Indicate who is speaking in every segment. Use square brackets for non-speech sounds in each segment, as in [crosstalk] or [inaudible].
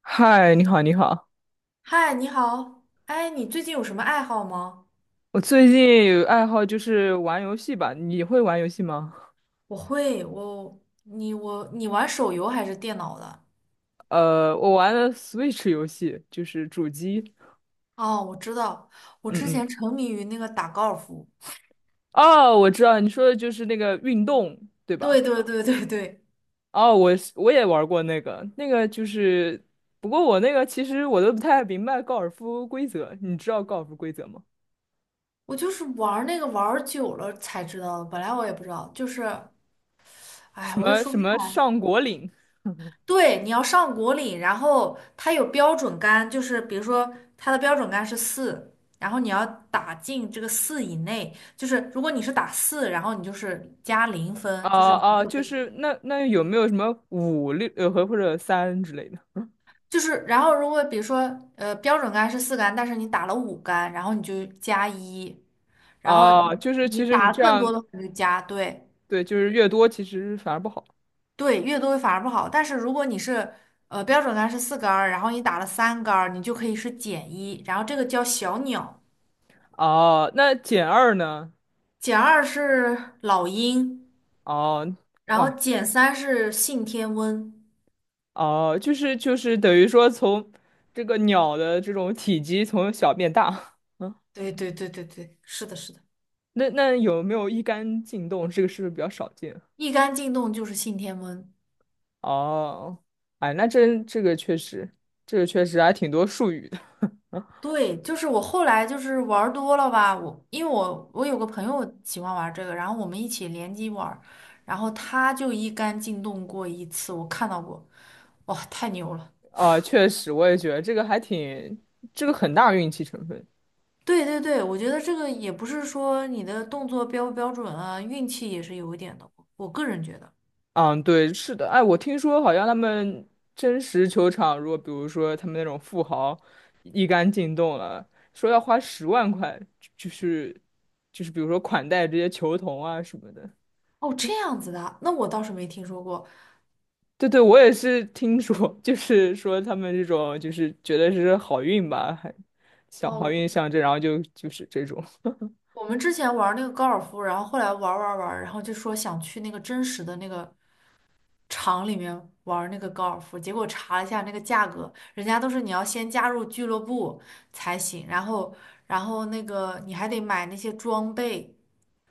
Speaker 1: 嗨，你好，你好。
Speaker 2: 嗨，你好。哎，你最近有什么爱好吗？
Speaker 1: 我最近有爱好就是玩游戏吧，你会玩游戏吗？
Speaker 2: 我会，我你我你玩手游还是电脑的？
Speaker 1: 我玩的 Switch 游戏，就是主机。
Speaker 2: 哦，我知道，我
Speaker 1: 嗯
Speaker 2: 之
Speaker 1: 嗯。
Speaker 2: 前沉迷于那个打高尔夫。
Speaker 1: 哦，我知道你说的就是那个运动，对
Speaker 2: 对
Speaker 1: 吧？
Speaker 2: 对对对对，
Speaker 1: 哦，我也玩过那个，那个就是，不过我那个其实我都不太明白高尔夫规则，你知道高尔夫规则吗？
Speaker 2: 我就是玩儿那个玩儿久了才知道的，本来我也不知道，就是，哎，
Speaker 1: 什
Speaker 2: 我也
Speaker 1: 么
Speaker 2: 说
Speaker 1: 什
Speaker 2: 不
Speaker 1: 么上果岭？[laughs]
Speaker 2: 对，你要上果岭，然后它有标准杆，就是比如说它的标准杆是四，然后你要打进这个四以内，就是如果你是打四，然后你就是加零
Speaker 1: 啊
Speaker 2: 分，就是你没
Speaker 1: 啊，
Speaker 2: 有
Speaker 1: 就
Speaker 2: 被
Speaker 1: 是那有没有什么五六和或者三之类的？
Speaker 2: 就是，然后如果比如说标准杆是四杆，但是你打了五杆，然后你就加一，然后
Speaker 1: 哦，
Speaker 2: 你
Speaker 1: 就是其
Speaker 2: 你
Speaker 1: 实你
Speaker 2: 打
Speaker 1: 这
Speaker 2: 更多
Speaker 1: 样，
Speaker 2: 的话你就加，对
Speaker 1: 对，就是越多其实反而不好。
Speaker 2: 对，越多反而不好，但是如果你是标准杆是四杆儿，然后你打了三杆儿，你就可以是减一，然后这个叫小鸟。
Speaker 1: 哦，那减二呢？
Speaker 2: 减二是老鹰，
Speaker 1: 哦，
Speaker 2: 然后
Speaker 1: 哇，
Speaker 2: 减三是信天翁。
Speaker 1: 哦，就是等于说从这个鸟的这种体积从小变大。[laughs] 嗯，
Speaker 2: 对对对对对，是的，是的，
Speaker 1: 那有没有一杆进洞？这个是不是比较少见？
Speaker 2: 一杆进洞就是信天翁。
Speaker 1: 哦，哎，那真这个确实，这个确实还挺多术语的。
Speaker 2: 对，就是我后来就是玩儿多了吧，因为我有个朋友喜欢玩儿这个，然后我们一起联机玩儿，然后他就一杆进洞过一次，我看到过，哇，太牛了！
Speaker 1: 啊，确实，我也觉得这个还挺，这个很大运气成分。
Speaker 2: 对对对，我觉得这个也不是说你的动作标不标准啊，运气也是有一点的，我个人觉得。
Speaker 1: 嗯，对，是的，哎，我听说好像他们真实球场，如果比如说他们那种富豪一杆进洞了，说要花10万块，就是就是比如说款待这些球童啊什么的。
Speaker 2: 哦，这样子的，那我倒是没听说过。
Speaker 1: 对对，我也是听说，[laughs] 就是说他们这种就是觉得是好运吧，还想好
Speaker 2: 哦，
Speaker 1: 运象征，然后就是这种。[laughs]
Speaker 2: 我们之前玩那个高尔夫，然后后来玩然后就说想去那个真实的那个场里面玩那个高尔夫，结果查了一下那个价格，人家都是你要先加入俱乐部才行，然后那个你还得买那些装备，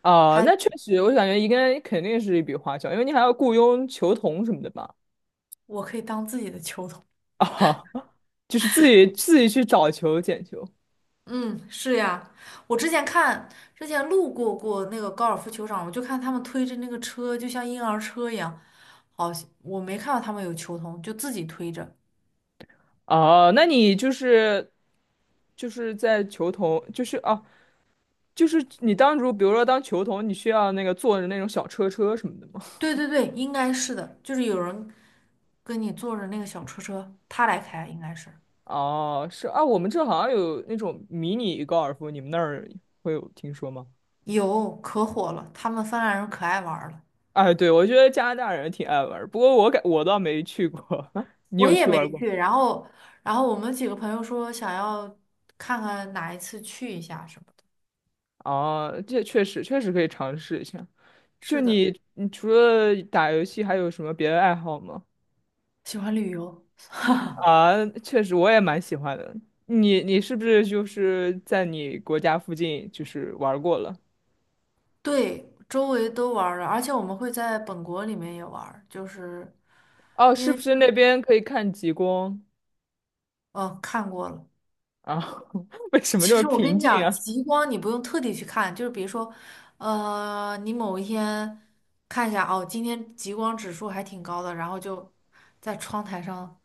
Speaker 1: 啊，
Speaker 2: 还
Speaker 1: 那确实，我感觉应该肯定是一笔花销，因为你还要雇佣球童什么的吧？
Speaker 2: 我可以当自己的球童。
Speaker 1: [laughs] 啊，就是自己去找球捡球。
Speaker 2: [laughs] 嗯，是呀，我之前看之前路过过那个高尔夫球场，我就看他们推着那个车，就像婴儿车一样，好，我没看到他们有球童，就自己推着。
Speaker 1: 哦，那你就是在球童，就是哦，就是你当比如说当球童，你需要那个坐着那种小车车什么的吗？
Speaker 2: 对对对，应该是的，就是有人跟你坐着那个小车车，他来开，应该是
Speaker 1: 哦，是啊，我们这好像有那种迷你高尔夫，你们那儿会有听说吗？
Speaker 2: 有可火了，他们芬兰人可爱玩儿了，
Speaker 1: 哎，对，我觉得加拿大人挺爱玩儿不过我倒没去过，[laughs] 你
Speaker 2: 我
Speaker 1: 有
Speaker 2: 也
Speaker 1: 去玩儿
Speaker 2: 没
Speaker 1: 过？
Speaker 2: 去，然后我们几个朋友说想要看看哪一次去一下什么的，
Speaker 1: 哦，这确实可以尝试一下。就
Speaker 2: 是的，
Speaker 1: 你，你除了打游戏，还有什么别的爱好吗？
Speaker 2: 喜欢旅游，
Speaker 1: 啊，确实我也蛮喜欢的。你是不是就是在你国家附近就是玩儿过了？
Speaker 2: 对，周围都玩儿了，而且我们会在本国里面也玩儿，就是
Speaker 1: 哦，
Speaker 2: 因
Speaker 1: 是
Speaker 2: 为
Speaker 1: 不是那边可以看极光
Speaker 2: 看过了。
Speaker 1: 啊？[laughs] 为什么这
Speaker 2: 其
Speaker 1: 么
Speaker 2: 实我
Speaker 1: 平
Speaker 2: 跟你
Speaker 1: 静
Speaker 2: 讲，
Speaker 1: 啊？
Speaker 2: 极光你不用特地去看，就是比如说，你某一天看一下，哦，今天极光指数还挺高的，然后就在窗台上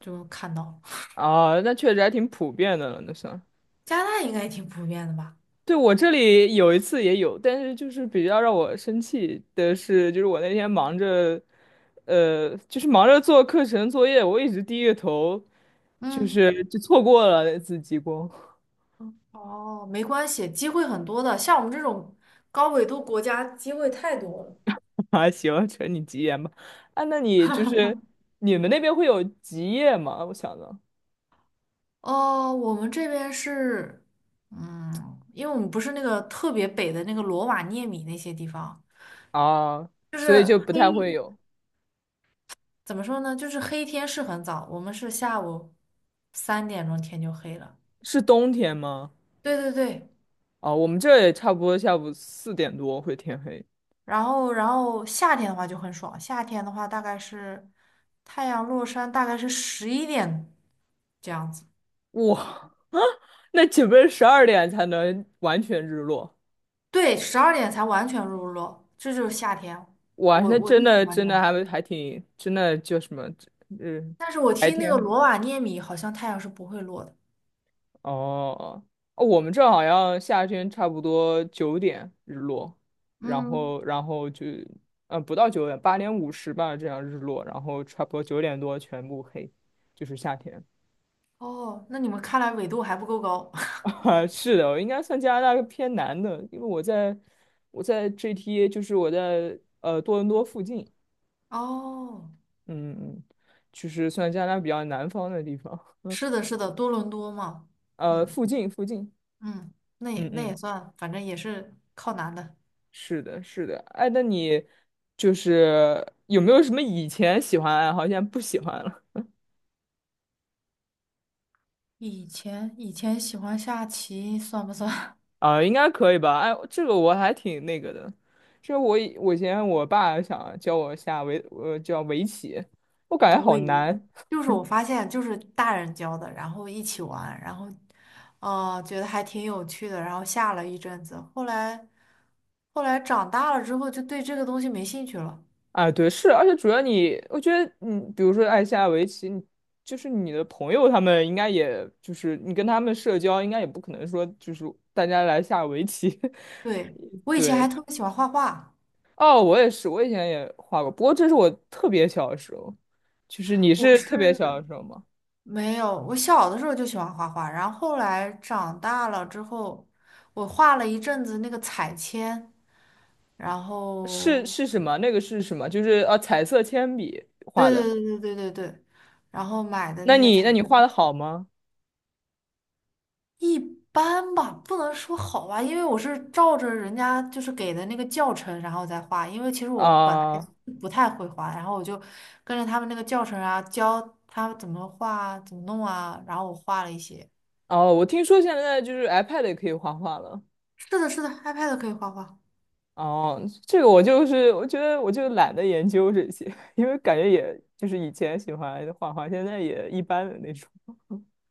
Speaker 2: 就看到。
Speaker 1: 啊，那确实还挺普遍的了，那算。
Speaker 2: 加拿大应该也挺普遍的吧？
Speaker 1: 对，我这里有一次也有，但是就是比较让我生气的是，就是我那天忙着，就是忙着做课程作业，我一直低着头，就
Speaker 2: 嗯，
Speaker 1: 是就错过了那次极光。
Speaker 2: 哦，没关系，机会很多的，像我们这种高纬度国家，机会太多了。
Speaker 1: [laughs] 啊，行，承你吉言吧。啊，那你就是你们那边会有极夜吗？我想着
Speaker 2: 哦，我们这边是，嗯，因为我们不是那个特别北的那个罗瓦涅米那些地方，
Speaker 1: 啊，
Speaker 2: 就是
Speaker 1: 所以就不太会
Speaker 2: 黑。
Speaker 1: 有。
Speaker 2: 怎么说呢？就是黑天是很早，我们是下午3点钟天就黑了。
Speaker 1: 是冬天吗？
Speaker 2: 对对对，
Speaker 1: 啊，我们这也差不多下午4点多会天黑。
Speaker 2: 然后夏天的话就很爽，夏天的话大概是太阳落山，大概是11点这样子，
Speaker 1: 哇，[laughs] 啊，那岂不是12点才能完全日落？
Speaker 2: 对，12点才完全入落，这就是夏天。
Speaker 1: 哇，
Speaker 2: 我
Speaker 1: 那
Speaker 2: 我
Speaker 1: 真
Speaker 2: 就喜
Speaker 1: 的
Speaker 2: 欢这
Speaker 1: 真的
Speaker 2: 样，
Speaker 1: 还挺真的叫什么？嗯，
Speaker 2: 但是我
Speaker 1: 白
Speaker 2: 听那个
Speaker 1: 天。
Speaker 2: 罗瓦涅米好像太阳是不会落的。
Speaker 1: 哦，哦，我们这儿好像夏天差不多九点日落，然
Speaker 2: 嗯，
Speaker 1: 后然后就，嗯，不到九点，8点50吧，这样日落，然后差不多9点多全部黑，就是夏天。
Speaker 2: 哦，那你们看来纬度还不够高。
Speaker 1: [laughs]
Speaker 2: [laughs]
Speaker 1: 啊，是的，我应该算加拿大偏南的，因为我在 GTA，就是我在多伦多附近，
Speaker 2: 哦，
Speaker 1: 嗯嗯，就是算加拿大比较南方的地方，
Speaker 2: 是的，是的，多伦多嘛。
Speaker 1: [laughs]
Speaker 2: 嗯。
Speaker 1: 附近附近，
Speaker 2: 嗯，那也
Speaker 1: 嗯
Speaker 2: 那
Speaker 1: 嗯。
Speaker 2: 也算，反正也是靠男的。
Speaker 1: 是的，是的，哎，那你就是有没有什么以前喜欢的爱好，现在不喜欢了？
Speaker 2: 以前喜欢下棋，算不算？[laughs]
Speaker 1: [laughs] 啊，应该可以吧？哎，这个我还挺那个的，这我以前我爸想教我下围，叫围棋，我感觉好
Speaker 2: 对，
Speaker 1: 难
Speaker 2: 就是我发现，就是大人教的，然后一起玩，然后，觉得还挺有趣的，然后下了一阵子，后来，后来长大了之后，就对这个东西没兴趣了。
Speaker 1: 啊。对，是，而且主要你，我觉得你，比如说爱下围棋，你就是你的朋友他们应该也就是你跟他们社交，应该也不可能说就是大家来下围棋，
Speaker 2: 对，
Speaker 1: [laughs]
Speaker 2: 我以前还
Speaker 1: 对，
Speaker 2: 特别喜欢画画，
Speaker 1: 哦，我也是，我以前也画过，不过这是我特别小的时候，就是你
Speaker 2: 我
Speaker 1: 是特别
Speaker 2: 是
Speaker 1: 小的时候吗？
Speaker 2: 没有，我小的时候就喜欢画画，然后后来长大了之后，我画了一阵子那个彩铅。然
Speaker 1: 是
Speaker 2: 后
Speaker 1: 是什么？那个是什么？就是彩色铅笔
Speaker 2: 对
Speaker 1: 画的。
Speaker 2: 对对对对对对，然后买的
Speaker 1: 那
Speaker 2: 那些
Speaker 1: 你
Speaker 2: 彩
Speaker 1: 那你
Speaker 2: 色
Speaker 1: 画
Speaker 2: 笔
Speaker 1: 的好吗？
Speaker 2: 一般吧，不能说好吧，因为我是照着人家就是给的那个教程，然后再画，因为其实我本来
Speaker 1: 啊，
Speaker 2: 不太会画，然后我就跟着他们那个教程啊，教他怎么画、怎么弄啊，然后我画了一些。
Speaker 1: 哦，我听说现在就是 iPad 也可以画画了。
Speaker 2: 是的，是的，iPad 可以画画。
Speaker 1: 哦，这个我就是我觉得我就懒得研究这些，[laughs] 因为感觉也就是以前喜欢画画，现在也一般的那种。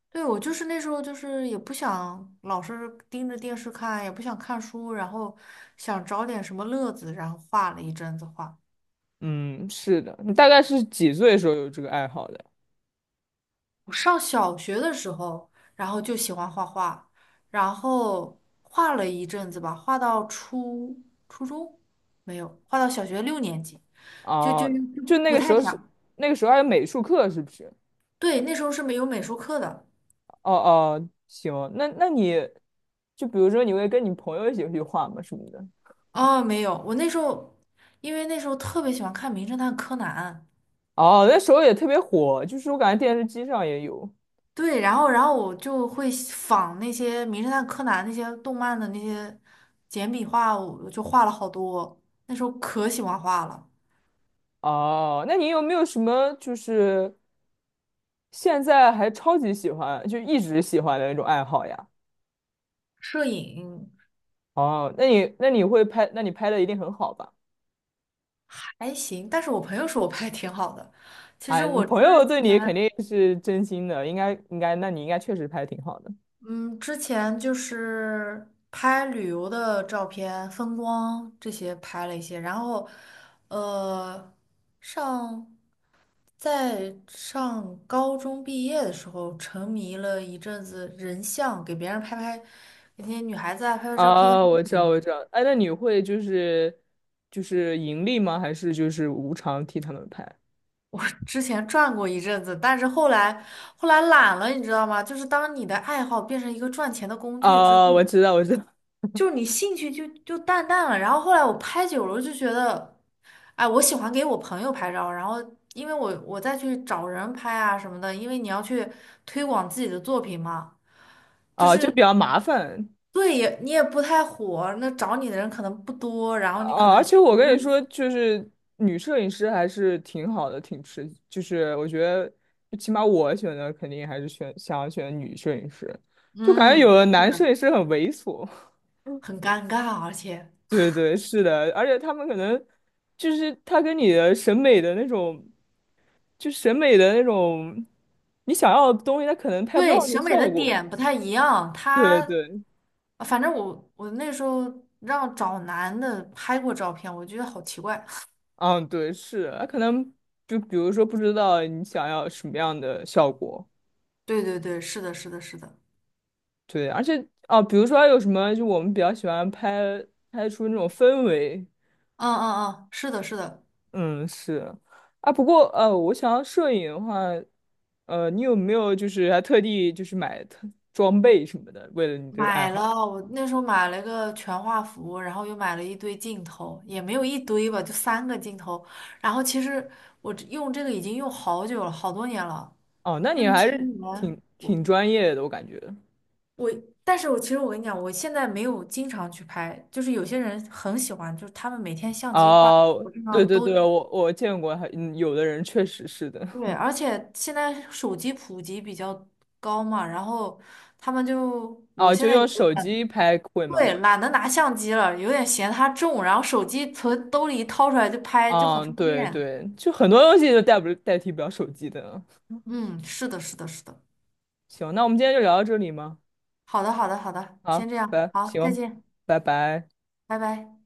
Speaker 2: 对，我就是那时候就是也不想老是盯着电视看，也不想看书，然后想找点什么乐子，然后画了一阵子画。
Speaker 1: 嗯，是的。你大概是几岁的时候有这个爱好的？
Speaker 2: 我上小学的时候，然后就喜欢画画，然后画了一阵子吧，画到初中没有，画到小学6年级，就就
Speaker 1: 哦，
Speaker 2: 就
Speaker 1: 就那
Speaker 2: 不
Speaker 1: 个时
Speaker 2: 太
Speaker 1: 候是
Speaker 2: 想。
Speaker 1: 那个时候还有美术课，是不是？
Speaker 2: 对，那时候是没有美术课的。
Speaker 1: 哦哦，行，那你就比如说你会跟你朋友一起去画吗？什么的？
Speaker 2: 哦，没有，我那时候因为那时候特别喜欢看《名侦探柯南》，
Speaker 1: 哦，那时候也特别火，就是我感觉电视机上也有。
Speaker 2: 对，然后我就会仿那些《名侦探柯南》那些动漫的那些简笔画，我就画了好多。那时候可喜欢画了，
Speaker 1: 哦，那你有没有什么就是现在还超级喜欢，就一直喜欢的那种爱好呀？
Speaker 2: 摄影。
Speaker 1: 哦，那你会拍，那你拍的一定很好吧？
Speaker 2: 还行，但是我朋友说我拍的挺好的。其实
Speaker 1: 哎，你
Speaker 2: 我之
Speaker 1: 朋友对你肯
Speaker 2: 前，
Speaker 1: 定是真心的，应该应该，那你应该确实拍的挺好的。
Speaker 2: 嗯，之前就是拍旅游的照片、风光这些拍了一些，然后，呃，上在上高中毕业的时候，沉迷了一阵子人像，给别人拍拍，给那些女孩子啊拍拍照片。
Speaker 1: 啊，我知道，我知道。哎，那你会就是盈利吗？还是就是无偿替他们拍？
Speaker 2: 我之前转过一阵子，但是后来后来懒了，你知道吗？就是当你的爱好变成一个赚钱的工具之后，
Speaker 1: 啊，我知道，我知道。
Speaker 2: 就是你兴趣就淡淡了。然后后来我拍久了，就觉得，哎，我喜欢给我朋友拍照，然后因为我再去找人拍啊什么的，因为你要去推广自己的作品嘛，就
Speaker 1: 啊，就比
Speaker 2: 是
Speaker 1: 较麻烦
Speaker 2: 对也你也不太火，那找你的人可能不多，然后你可
Speaker 1: 啊。
Speaker 2: 能
Speaker 1: 而且我跟你说，就是女摄影师还是挺好的，挺吃。就是我觉得，就起码我选的肯定还是选想要选女摄影师，就感觉有
Speaker 2: 嗯
Speaker 1: 的男摄影师很猥琐。
Speaker 2: 很尴尬，而且。
Speaker 1: 对对，是的，而且他们可能就是他跟你的审美的那种，就审美的那种，你想要的东西，他可能拍不
Speaker 2: 对，
Speaker 1: 到那
Speaker 2: 审美的
Speaker 1: 效果。
Speaker 2: 点不太一样。
Speaker 1: 对
Speaker 2: 他
Speaker 1: 对，
Speaker 2: 反正我那时候让找男的拍过照片，我觉得好奇怪。[laughs]
Speaker 1: 嗯，对，是，他可能就比如说不知道你想要什么样的效果，
Speaker 2: 对对对，是的，是的，是的，
Speaker 1: 对，而且哦，比如说还有什么，就我们比较喜欢拍出那种氛围，
Speaker 2: 嗯嗯嗯，是的，是的。
Speaker 1: 嗯，是啊，不过我想要摄影的话，你有没有就是还特地就是买装备什么的，为了你这个爱
Speaker 2: 买
Speaker 1: 好？
Speaker 2: 了，我那时候买了一个全画幅，然后又买了一堆镜头，也没有一堆吧，就3个镜头。然后其实我这用这个已经用好久了，好多年了，
Speaker 1: 哦，那
Speaker 2: 六
Speaker 1: 你还
Speaker 2: 七
Speaker 1: 是
Speaker 2: 年。
Speaker 1: 挺挺专业的，我感觉。
Speaker 2: 我，但是其实我跟你讲，我现在没有经常去拍，就是有些人很喜欢，就是他们每天相机挂在
Speaker 1: 哦，
Speaker 2: 脖子
Speaker 1: 对
Speaker 2: 上
Speaker 1: 对
Speaker 2: 都
Speaker 1: 对，我见过还，有的人确实是的。
Speaker 2: 对，而且现在手机普及比较高嘛，然后他们就我
Speaker 1: 哦，就
Speaker 2: 现在
Speaker 1: 用
Speaker 2: 有
Speaker 1: 手
Speaker 2: 点
Speaker 1: 机拍会吗？
Speaker 2: 对懒得拿相机了，有点嫌它重，然后手机从兜里一掏出来就拍，就很
Speaker 1: 嗯，
Speaker 2: 方
Speaker 1: 对
Speaker 2: 便。
Speaker 1: 对，就很多东西都不代替不了手机的。
Speaker 2: 嗯，是的，是的，是的。
Speaker 1: 行，那我们今天就聊到这里吗？
Speaker 2: 好的，好的，好的，先
Speaker 1: 好，
Speaker 2: 这样，
Speaker 1: 拜，
Speaker 2: 好，再
Speaker 1: 行，
Speaker 2: 见，
Speaker 1: 拜拜。
Speaker 2: 拜拜。